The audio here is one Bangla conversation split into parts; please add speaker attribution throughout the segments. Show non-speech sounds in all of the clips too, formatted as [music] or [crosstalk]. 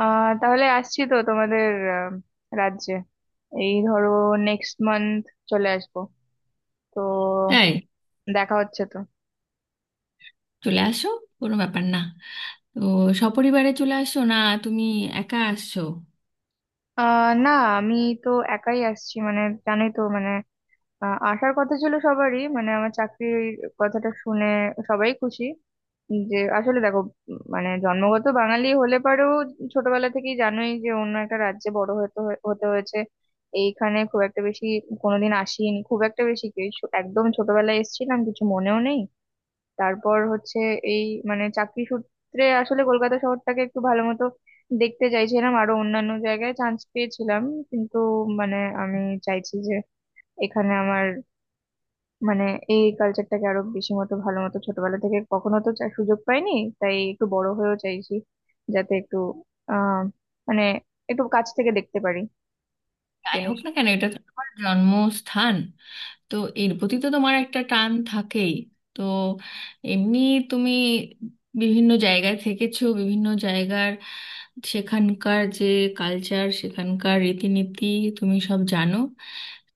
Speaker 1: তাহলে আসছি তো তোমাদের আহ, রাজ্যে। এই ধরো নেক্সট মান্থ চলে আসবো, তো
Speaker 2: তাই
Speaker 1: দেখা হচ্ছে তো।
Speaker 2: চলে আসো, কোনো ব্যাপার না। তো সপরিবারে চলে আসো না, তুমি একা আসছো?
Speaker 1: না, আমি তো একাই আসছি। মানে জানোই তো, মানে আসার কথা ছিল সবারই, মানে আমার চাকরির কথাটা শুনে সবাই খুশি, যে আসলে দেখো, মানে জন্মগত বাঙালি হলে পারেও, ছোটবেলা থেকেই জানোই যে অন্য একটা রাজ্যে বড় হতে হয়েছে। এইখানে খুব একটা বেশি কোনোদিন আসিনি, খুব একটা বেশি কি একদম ছোটবেলায় এসেছিলাম, কিছু মনেও নেই। তারপর হচ্ছে এই, মানে চাকরি সূত্রে আসলে কলকাতা শহরটাকে একটু ভালো মতো দেখতে চাইছিলাম, আরো অন্যান্য জায়গায় চান্স পেয়েছিলাম, কিন্তু মানে আমি চাইছি যে এখানে আমার, মানে এই কালচারটাকে আরো বেশি মতো ভালো মতো, ছোটবেলা থেকে কখনো তো সুযোগ পাইনি, তাই একটু বড় হয়েও চাইছি, যাতে একটু আহ মানে একটু কাছ থেকে দেখতে পারি
Speaker 2: যাই
Speaker 1: জিনিস।
Speaker 2: হোক না কেন, এটা তো তোমার জন্মস্থান, তো এর প্রতি তো তোমার একটা টান থাকেই। তো এমনি তুমি বিভিন্ন জায়গায় থেকেছো, বিভিন্ন জায়গার সেখানকার যে কালচার, সেখানকার রীতিনীতি তুমি সব জানো।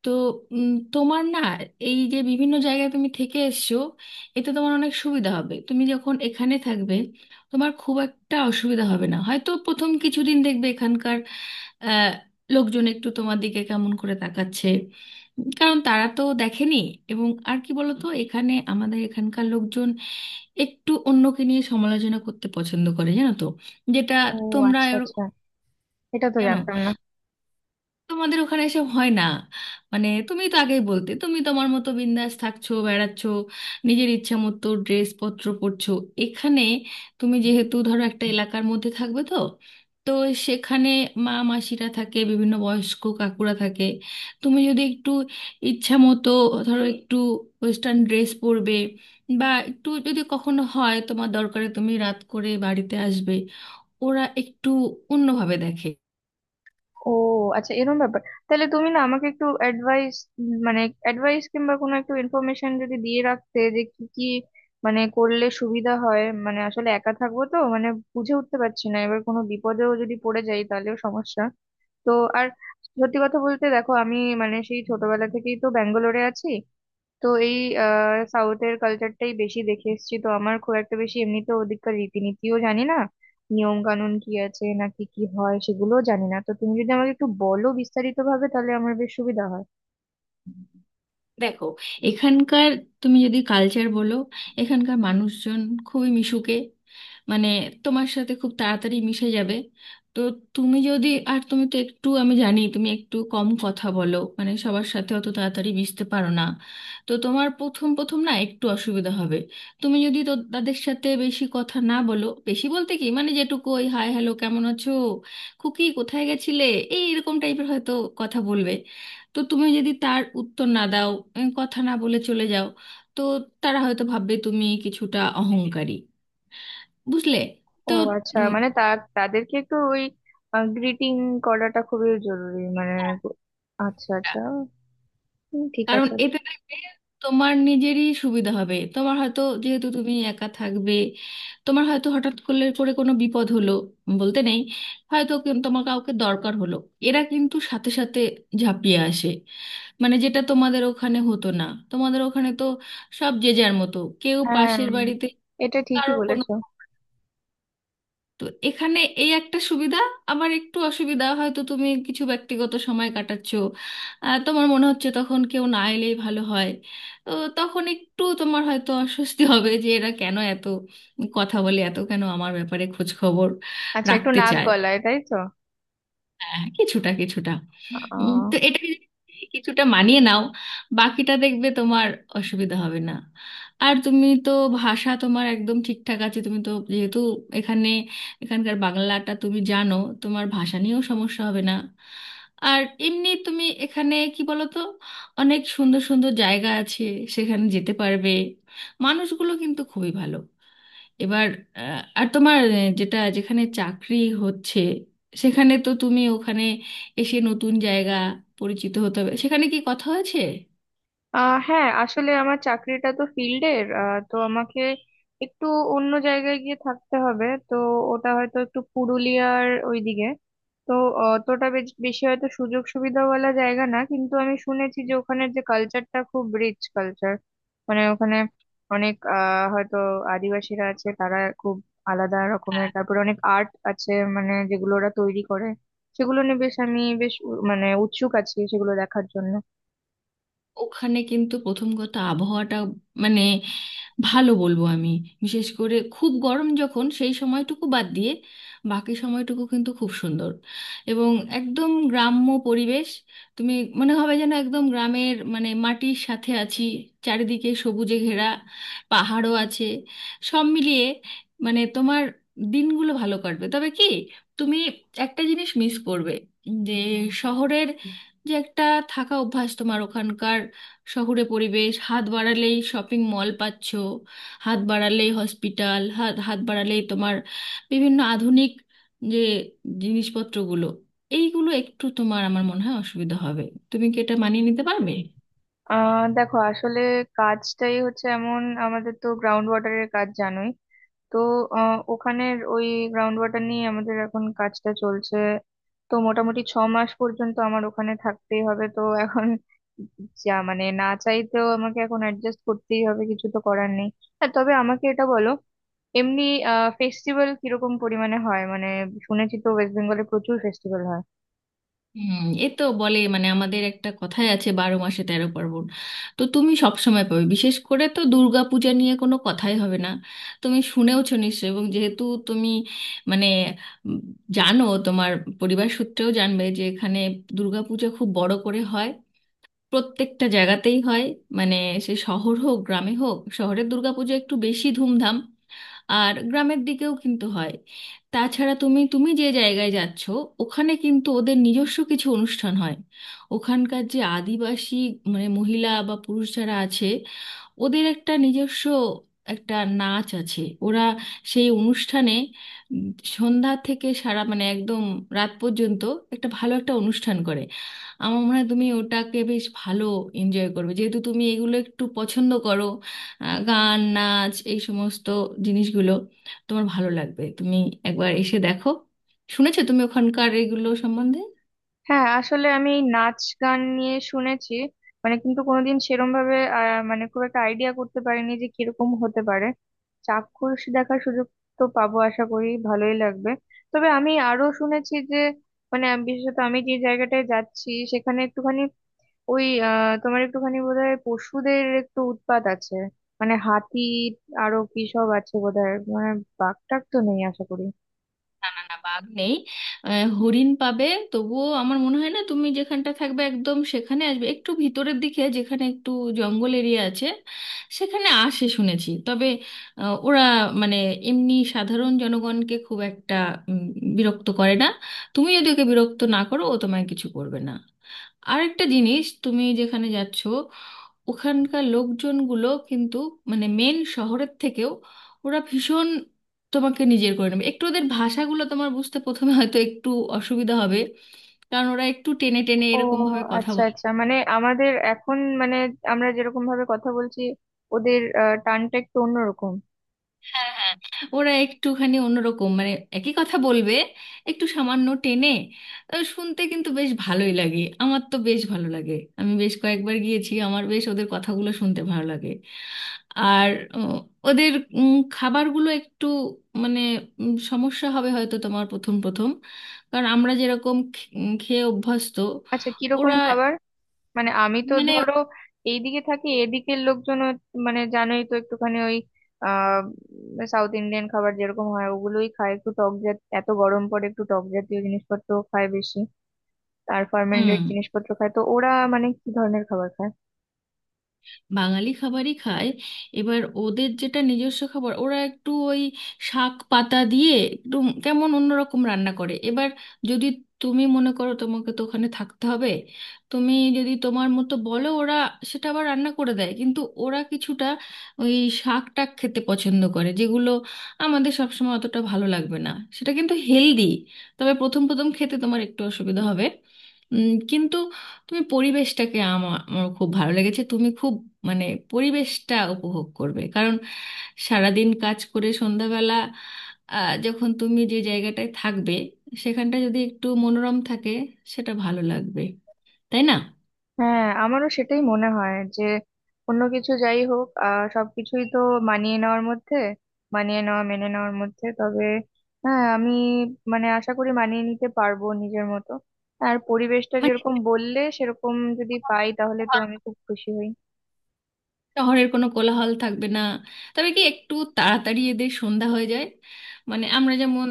Speaker 2: তো উম, তোমার না এই যে বিভিন্ন জায়গায় তুমি থেকে এসছো, এতে তোমার অনেক সুবিধা হবে। তুমি যখন এখানে থাকবে, তোমার খুব একটা অসুবিধা হবে না। হয়তো প্রথম কিছুদিন দেখবে এখানকার আহ, লোকজন একটু তোমার দিকে কেমন করে তাকাচ্ছে, কারণ তারা তো দেখেনি। এবং আর কি বলতো, এখানে আমাদের এখানকার লোকজন একটু অন্যকে নিয়ে সমালোচনা করতে পছন্দ করে, জানো তো। যেটা
Speaker 1: ও
Speaker 2: তোমরা
Speaker 1: আচ্ছা
Speaker 2: এরকম-
Speaker 1: আচ্ছা, এটা তো
Speaker 2: জানো,
Speaker 1: জানতাম না।
Speaker 2: তোমাদের ওখানে এসব হয় না। মানে তুমি তো আগেই বলতে, তুমি তোমার মতো বিন্দাস থাকছো, বেড়াচ্ছো, নিজের ইচ্ছা মতো ড্রেসপত্র পরছো। এখানে তুমি যেহেতু ধরো একটা এলাকার মধ্যে থাকবে, তো তো সেখানে মা মাসিরা থাকে, বিভিন্ন বয়স্ক কাকুরা থাকে। তুমি যদি একটু ইচ্ছা মতো ধরো একটু ওয়েস্টার্ন ড্রেস পরবে, বা একটু যদি কখনো হয় তোমার দরকারে তুমি রাত করে বাড়িতে আসবে, ওরা একটু অন্যভাবে দেখে।
Speaker 1: ও আচ্ছা, এরকম ব্যাপার। তাহলে তুমি না আমাকে একটু অ্যাডভাইস, মানে অ্যাডভাইস কিংবা কোনো একটু ইনফরমেশন যদি দিয়ে রাখতে যে কি কি মানে করলে সুবিধা হয়, মানে আসলে একা থাকবো তো, মানে বুঝে উঠতে পারছি না, এবার কোনো বিপদেও যদি পড়ে যাই তাহলেও সমস্যা। তো আর সত্যি কথা বলতে, দেখো আমি মানে সেই ছোটবেলা থেকেই তো ব্যাঙ্গালোরে আছি, তো এই সাউথের কালচারটাই বেশি দেখে এসেছি তো, আমার খুব একটা বেশি এমনিতে ওদিককার রীতিনীতিও জানি না, নিয়ম কানুন কি আছে নাকি কি হয় সেগুলোও জানি না, তো তুমি যদি আমাকে একটু বলো বিস্তারিত ভাবে তাহলে আমার বেশ সুবিধা হয়।
Speaker 2: দেখো, এখানকার তুমি যদি কালচার বলো, এখানকার মানুষজন খুবই মিশুকে, মানে তোমার সাথে খুব তাড়াতাড়ি মিশে যাবে। তো তুমি যদি, আর তুমি তো একটু, আমি জানি তুমি একটু কম কথা বলো, মানে সবার সাথে অত তাড়াতাড়ি মিশতে পারো না, তো তোমার প্রথম প্রথম না একটু অসুবিধা হবে। তুমি যদি তো তাদের সাথে বেশি কথা না বলো, বেশি বলতে কি মানে যেটুকু ওই হাই হ্যালো, কেমন আছো, খুকি কোথায় গেছিলে, এই এরকম টাইপের হয়তো কথা বলবে, তো তুমি যদি তার উত্তর না দাও, কথা না বলে চলে যাও, তো তারা হয়তো ভাববে তুমি কিছুটা অহংকারী, বুঝলে?
Speaker 1: ও
Speaker 2: তো
Speaker 1: আচ্ছা,
Speaker 2: উম,
Speaker 1: মানে তা তাদেরকে একটু ওই গ্রিটিং করাটা খুবই জরুরি, মানে আচ্ছা আচ্ছা। হুম, ঠিক
Speaker 2: কারণ
Speaker 1: আছে।
Speaker 2: এতে দেখবে তোমার নিজেরই সুবিধা হবে। তোমার হয়তো, যেহেতু তুমি একা থাকবে, তোমার হয়তো হঠাৎ করে কোনো বিপদ হলো, বলতে নেই, হয়তো তোমার কাউকে দরকার হলো, এরা কিন্তু সাথে সাথে ঝাঁপিয়ে আসে। মানে যেটা তোমাদের ওখানে হতো না, তোমাদের ওখানে তো সব যে যার মতো, কেউ
Speaker 1: হ্যাঁ,
Speaker 2: পাশের বাড়িতে
Speaker 1: এটা ঠিকই
Speaker 2: কারোর কোনো,
Speaker 1: বলেছো।
Speaker 2: তো এখানে এই একটা সুবিধা। আবার একটু অসুবিধা হয়তো, তুমি কিছু ব্যক্তিগত সময় কাটাচ্ছো, তোমার মনে হচ্ছে তখন কেউ না এলেই ভালো হয়, তো তখন একটু তোমার হয়তো অস্বস্তি [laughs] হবে যে এরা কেন এত কথা বলে, এত কেন আমার ব্যাপারে খোঁজ খবর
Speaker 1: আচ্ছা, একটু
Speaker 2: রাখতে
Speaker 1: নাক
Speaker 2: চায়।
Speaker 1: গলায় তাই তো।
Speaker 2: হ্যাঁ, কিছুটা কিছুটা।
Speaker 1: আহ
Speaker 2: তো এটা কিছুটা মানিয়ে নাও, বাকিটা দেখবে তোমার অসুবিধা হবে না। আর তুমি তো ভাষা তোমার একদম ঠিকঠাক আছে, তুমি তো যেহেতু এখানে, এখানকার বাংলাটা তুমি জানো, তোমার ভাষা নিয়েও সমস্যা হবে না। আর এমনি তুমি এখানে কি বলো তো, অনেক সুন্দর সুন্দর জায়গা আছে, সেখানে যেতে পারবে। মানুষগুলো কিন্তু খুবই ভালো। এবার আর তোমার যেটা যেখানে চাকরি হচ্ছে, সেখানে তো তুমি ওখানে এসে নতুন জায়গা পরিচিত হতে হবে, সেখানে কি কথা হয়েছে?
Speaker 1: আহ হ্যাঁ, আসলে আমার চাকরিটা তো ফিল্ডের, তো আমাকে একটু অন্য জায়গায় গিয়ে থাকতে হবে তো। ওটা হয়তো একটু পুরুলিয়ার ওইদিকে, তো অতটা বেশি হয়তো সুযোগ সুবিধাওয়ালা জায়গা না, কিন্তু আমি শুনেছি যে ওখানের যে কালচারটা খুব রিচ কালচার, মানে ওখানে অনেক হয়তো আদিবাসীরা আছে, তারা খুব আলাদা রকমের, তারপরে অনেক আর্ট আছে, মানে যেগুলো ওরা তৈরি করে, সেগুলো নিয়ে বেশ আমি বেশ মানে উৎসুক আছি সেগুলো দেখার জন্য।
Speaker 2: ওখানে কিন্তু প্রথম কথা আবহাওয়াটা, মানে ভালো বলবো আমি। বিশেষ করে খুব গরম যখন, সেই সময়টুকু বাদ দিয়ে বাকি সময়টুকু কিন্তু খুব সুন্দর। এবং একদম গ্রাম্য পরিবেশ, তুমি মনে হবে যেন একদম গ্রামের, মানে মাটির সাথে আছি, চারিদিকে সবুজে ঘেরা, পাহাড়ও আছে। সব মিলিয়ে মানে তোমার দিনগুলো ভালো কাটবে। তবে কি, তুমি একটা জিনিস মিস করবে, যে শহরের যে একটা থাকা অভ্যাস তোমার, ওখানকার শহুরে পরিবেশ, হাত বাড়ালেই শপিং মল পাচ্ছ, হাত বাড়ালেই হসপিটাল, হাত হাত বাড়ালেই তোমার বিভিন্ন আধুনিক যে জিনিসপত্রগুলো, এইগুলো একটু তোমার, আমার মনে হয় অসুবিধা হবে। তুমি কি এটা মানিয়ে নিতে পারবে?
Speaker 1: দেখো আসলে কাজটাই হচ্ছে এমন, আমাদের তো গ্রাউন্ড ওয়াটারের কাজ জানোই, তো ওখানের ওই গ্রাউন্ড ওয়াটার নিয়ে আমাদের এখন কাজটা চলছে, তো মোটামুটি ছ মাস পর্যন্ত আমার ওখানে থাকতেই হবে, তো এখন যা মানে না চাইতেও আমাকে এখন অ্যাডজাস্ট করতেই হবে, কিছু তো করার নেই। হ্যাঁ, তবে আমাকে এটা বলো, এমনি ফেস্টিভ্যাল কিরকম পরিমাণে হয়, মানে শুনেছি তো ওয়েস্ট বেঙ্গলে প্রচুর ফেস্টিভ্যাল হয়।
Speaker 2: হুম। এ তো বলে, মানে আমাদের একটা কথাই আছে, বারো মাসে তেরো পার্বণ। তো তুমি সব সময় পাবে, বিশেষ করে তো দুর্গা পূজা নিয়ে কোনো কথাই হবে না, তুমি শুনেওছো নিশ্চয়ই। এবং যেহেতু তুমি মানে উম, জানো, তোমার পরিবার সূত্রেও জানবে যে এখানে দুর্গা পূজা খুব বড় করে হয়, প্রত্যেকটা জায়গাতেই হয়, মানে সে শহর হোক গ্রামে হোক। শহরের দুর্গাপূজা একটু বেশি ধুমধাম, আর গ্রামের দিকেও কিন্তু হয়। তাছাড়া তুমি তুমি যে জায়গায় যাচ্ছ, ওখানে কিন্তু ওদের নিজস্ব কিছু অনুষ্ঠান হয়। ওখানকার যে আদিবাসী, মানে মহিলা বা পুরুষ যারা আছে, ওদের একটা নিজস্ব একটা নাচ আছে, ওরা সেই অনুষ্ঠানে উম, সন্ধ্যা থেকে সারা মানে একদম রাত পর্যন্ত একটা ভালো একটা অনুষ্ঠান করে। আমার মনে হয় তুমি ওটাকে বেশ ভালো এনজয় করবে, যেহেতু তুমি এগুলো একটু পছন্দ করো, গান নাচ এই সমস্ত জিনিসগুলো তোমার ভালো লাগবে। তুমি একবার এসে দেখো। শুনেছো তুমি ওখানকার এগুলো সম্বন্ধে?
Speaker 1: হ্যাঁ, আসলে আমি এই নাচ গান নিয়ে শুনেছি, মানে কিন্তু কোনোদিন সেরম ভাবে মানে খুব একটা আইডিয়া করতে পারিনি যে কিরকম হতে পারে, চাক্ষুষ দেখার সুযোগ তো পাবো, আশা করি ভালোই লাগবে। তবে আমি আরো শুনেছি যে মানে আমি- বিশেষত আমি যে জায়গাটায় যাচ্ছি সেখানে একটুখানি ওই তোমার একটুখানি বোধহয় পশুদের একটু উৎপাত আছে, মানে হাতি আরো কি সব আছে বোধহয়, মানে বাঘ টাগ তো নেই আশা করি।
Speaker 2: না না না, বাঘ নেই। হরিণ পাবে, তবুও আমার মনে হয় না তুমি যেখানটা থাকবে একদম সেখানে আসবে। একটু ভিতরের দিকে যেখানে একটু জঙ্গল এরিয়া আছে, সেখানে আসে শুনেছি। তবে ওরা মানে এমনি সাধারণ জনগণকে খুব একটা উম, বিরক্ত করে না। তুমি যদি ওকে বিরক্ত না করো, ও তোমায় কিছু করবে না। আরেকটা জিনিস, তুমি যেখানে যাচ্ছ ওখানকার লোকজনগুলো কিন্তু, মানে মেন শহরের থেকেও ওরা ভীষণ তোমাকে নিজের করে নেবে। একটু ওদের ভাষাগুলো তোমার বুঝতে প্রথমে হয়তো একটু অসুবিধা হবে, কারণ ওরা একটু টেনে টেনে
Speaker 1: ও
Speaker 2: এরকম ভাবে কথা
Speaker 1: আচ্ছা
Speaker 2: বলে।
Speaker 1: আচ্ছা, মানে আমাদের এখন মানে আমরা যেরকম ভাবে কথা বলছি, ওদের টানটা একটু অন্যরকম।
Speaker 2: হ্যাঁ হ্যাঁ, ওরা একটুখানি অন্যরকম মানে, একই কথা বলবে একটু সামান্য টেনে। শুনতে কিন্তু বেশ ভালোই লাগে, আমার তো বেশ ভালো লাগে। আমি বেশ কয়েকবার গিয়েছি, আমার বেশ ওদের কথাগুলো শুনতে ভালো লাগে। আর উম, ওদের খাবারগুলো একটু মানে সমস্যা হবে হয়তো তোমার প্রথম প্রথম, কারণ আমরা যেরকম খেয়ে অভ্যস্ত
Speaker 1: আচ্ছা, কিরকম
Speaker 2: ওরা
Speaker 1: খাবার? মানে আমি তো
Speaker 2: মানে,
Speaker 1: ধরো এইদিকে থাকি, এদিকের লোকজন মানে জানোই তো একটুখানি ওই আহ সাউথ ইন্ডিয়ান খাবার যেরকম হয় ওগুলোই খায়, একটু টক জাতীয়, এত গরম পড়ে একটু টক জাতীয় জিনিসপত্র খায় বেশি, আর ফার্মেন্টেড জিনিসপত্র খায়, তো ওরা মানে কি ধরনের খাবার খায়?
Speaker 2: বাঙালি খাবারই খায়। এবার ওদের যেটা নিজস্ব খাবার, ওরা একটু ওই শাক পাতা দিয়ে একটু কেমন অন্যরকম রান্না করে। এবার যদি তুমি মনে করো, তোমাকে তো ওখানে থাকতে হবে, তুমি যদি তোমার মতো বলো, ওরা সেটা আবার রান্না করে দেয়। কিন্তু ওরা কিছুটা ওই শাক টাক খেতে পছন্দ করে, যেগুলো আমাদের সবসময় অতটা ভালো লাগবে না, সেটা কিন্তু হেলদি। তবে প্রথম প্রথম খেতে তোমার একটু অসুবিধা হবে, কিন্তু তুমি পরিবেশটাকে, আমার আমার খুব ভালো লেগেছে, তুমি খুব মানে পরিবেশটা উপভোগ করবে। কারণ সারাদিন কাজ করে সন্ধ্যাবেলা যখন তুমি যে জায়গাটায় থাকবে সেখানটা যদি একটু মনোরম থাকে, সেটা ভালো লাগবে, তাই না?
Speaker 1: হ্যাঁ, আমারও সেটাই মনে হয় যে অন্য কিছু যাই হোক সবকিছুই তো মানিয়ে নেওয়ার মধ্যে, মানিয়ে নেওয়া মেনে নেওয়ার মধ্যে, তবে হ্যাঁ আমি মানে আশা করি মানিয়ে নিতে পারবো নিজের মতো। আর পরিবেশটা
Speaker 2: মানে
Speaker 1: যেরকম বললে সেরকম যদি পাই তাহলে তো আমি খুব খুশি হই।
Speaker 2: শহরের কোনো কোলাহল থাকবে না। তবে কি একটু তাড়াতাড়ি এদের সন্ধ্যা হয়ে যায়, মানে আমরা যেমন,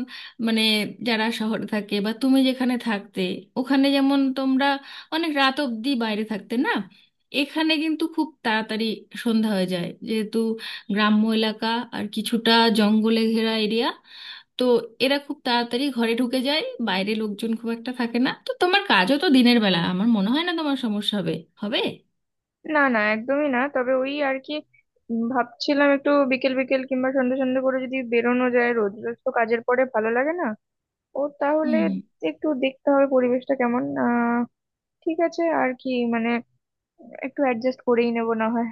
Speaker 2: মানে যারা শহরে থাকে, বা তুমি যেখানে থাকতে ওখানে যেমন তোমরা অনেক রাত অবধি বাইরে থাকতে না, এখানে কিন্তু খুব তাড়াতাড়ি সন্ধ্যা হয়ে যায়, যেহেতু গ্রাম্য এলাকা আর কিছুটা জঙ্গলে ঘেরা এরিয়া। তো এরা খুব তাড়াতাড়ি ঘরে ঢুকে যায়, বাইরে লোকজন খুব একটা থাকে না। তো তোমার কাজও তো দিনের বেলা, আমার মনে হয় না তোমার সমস্যা হবে, হবে।
Speaker 1: না না, একদমই না, তবে ওই আর কি ভাবছিলাম একটু বিকেল বিকেল কিংবা সন্ধ্যে সন্ধ্যে করে যদি বেরোনো যায়, রোজ রোজ তো কাজের পরে ভালো লাগে না। ও তাহলে
Speaker 2: হুম।
Speaker 1: একটু দেখতে হবে পরিবেশটা কেমন। ঠিক আছে আর কি, মানে একটু অ্যাডজাস্ট করেই নেবো না হয়।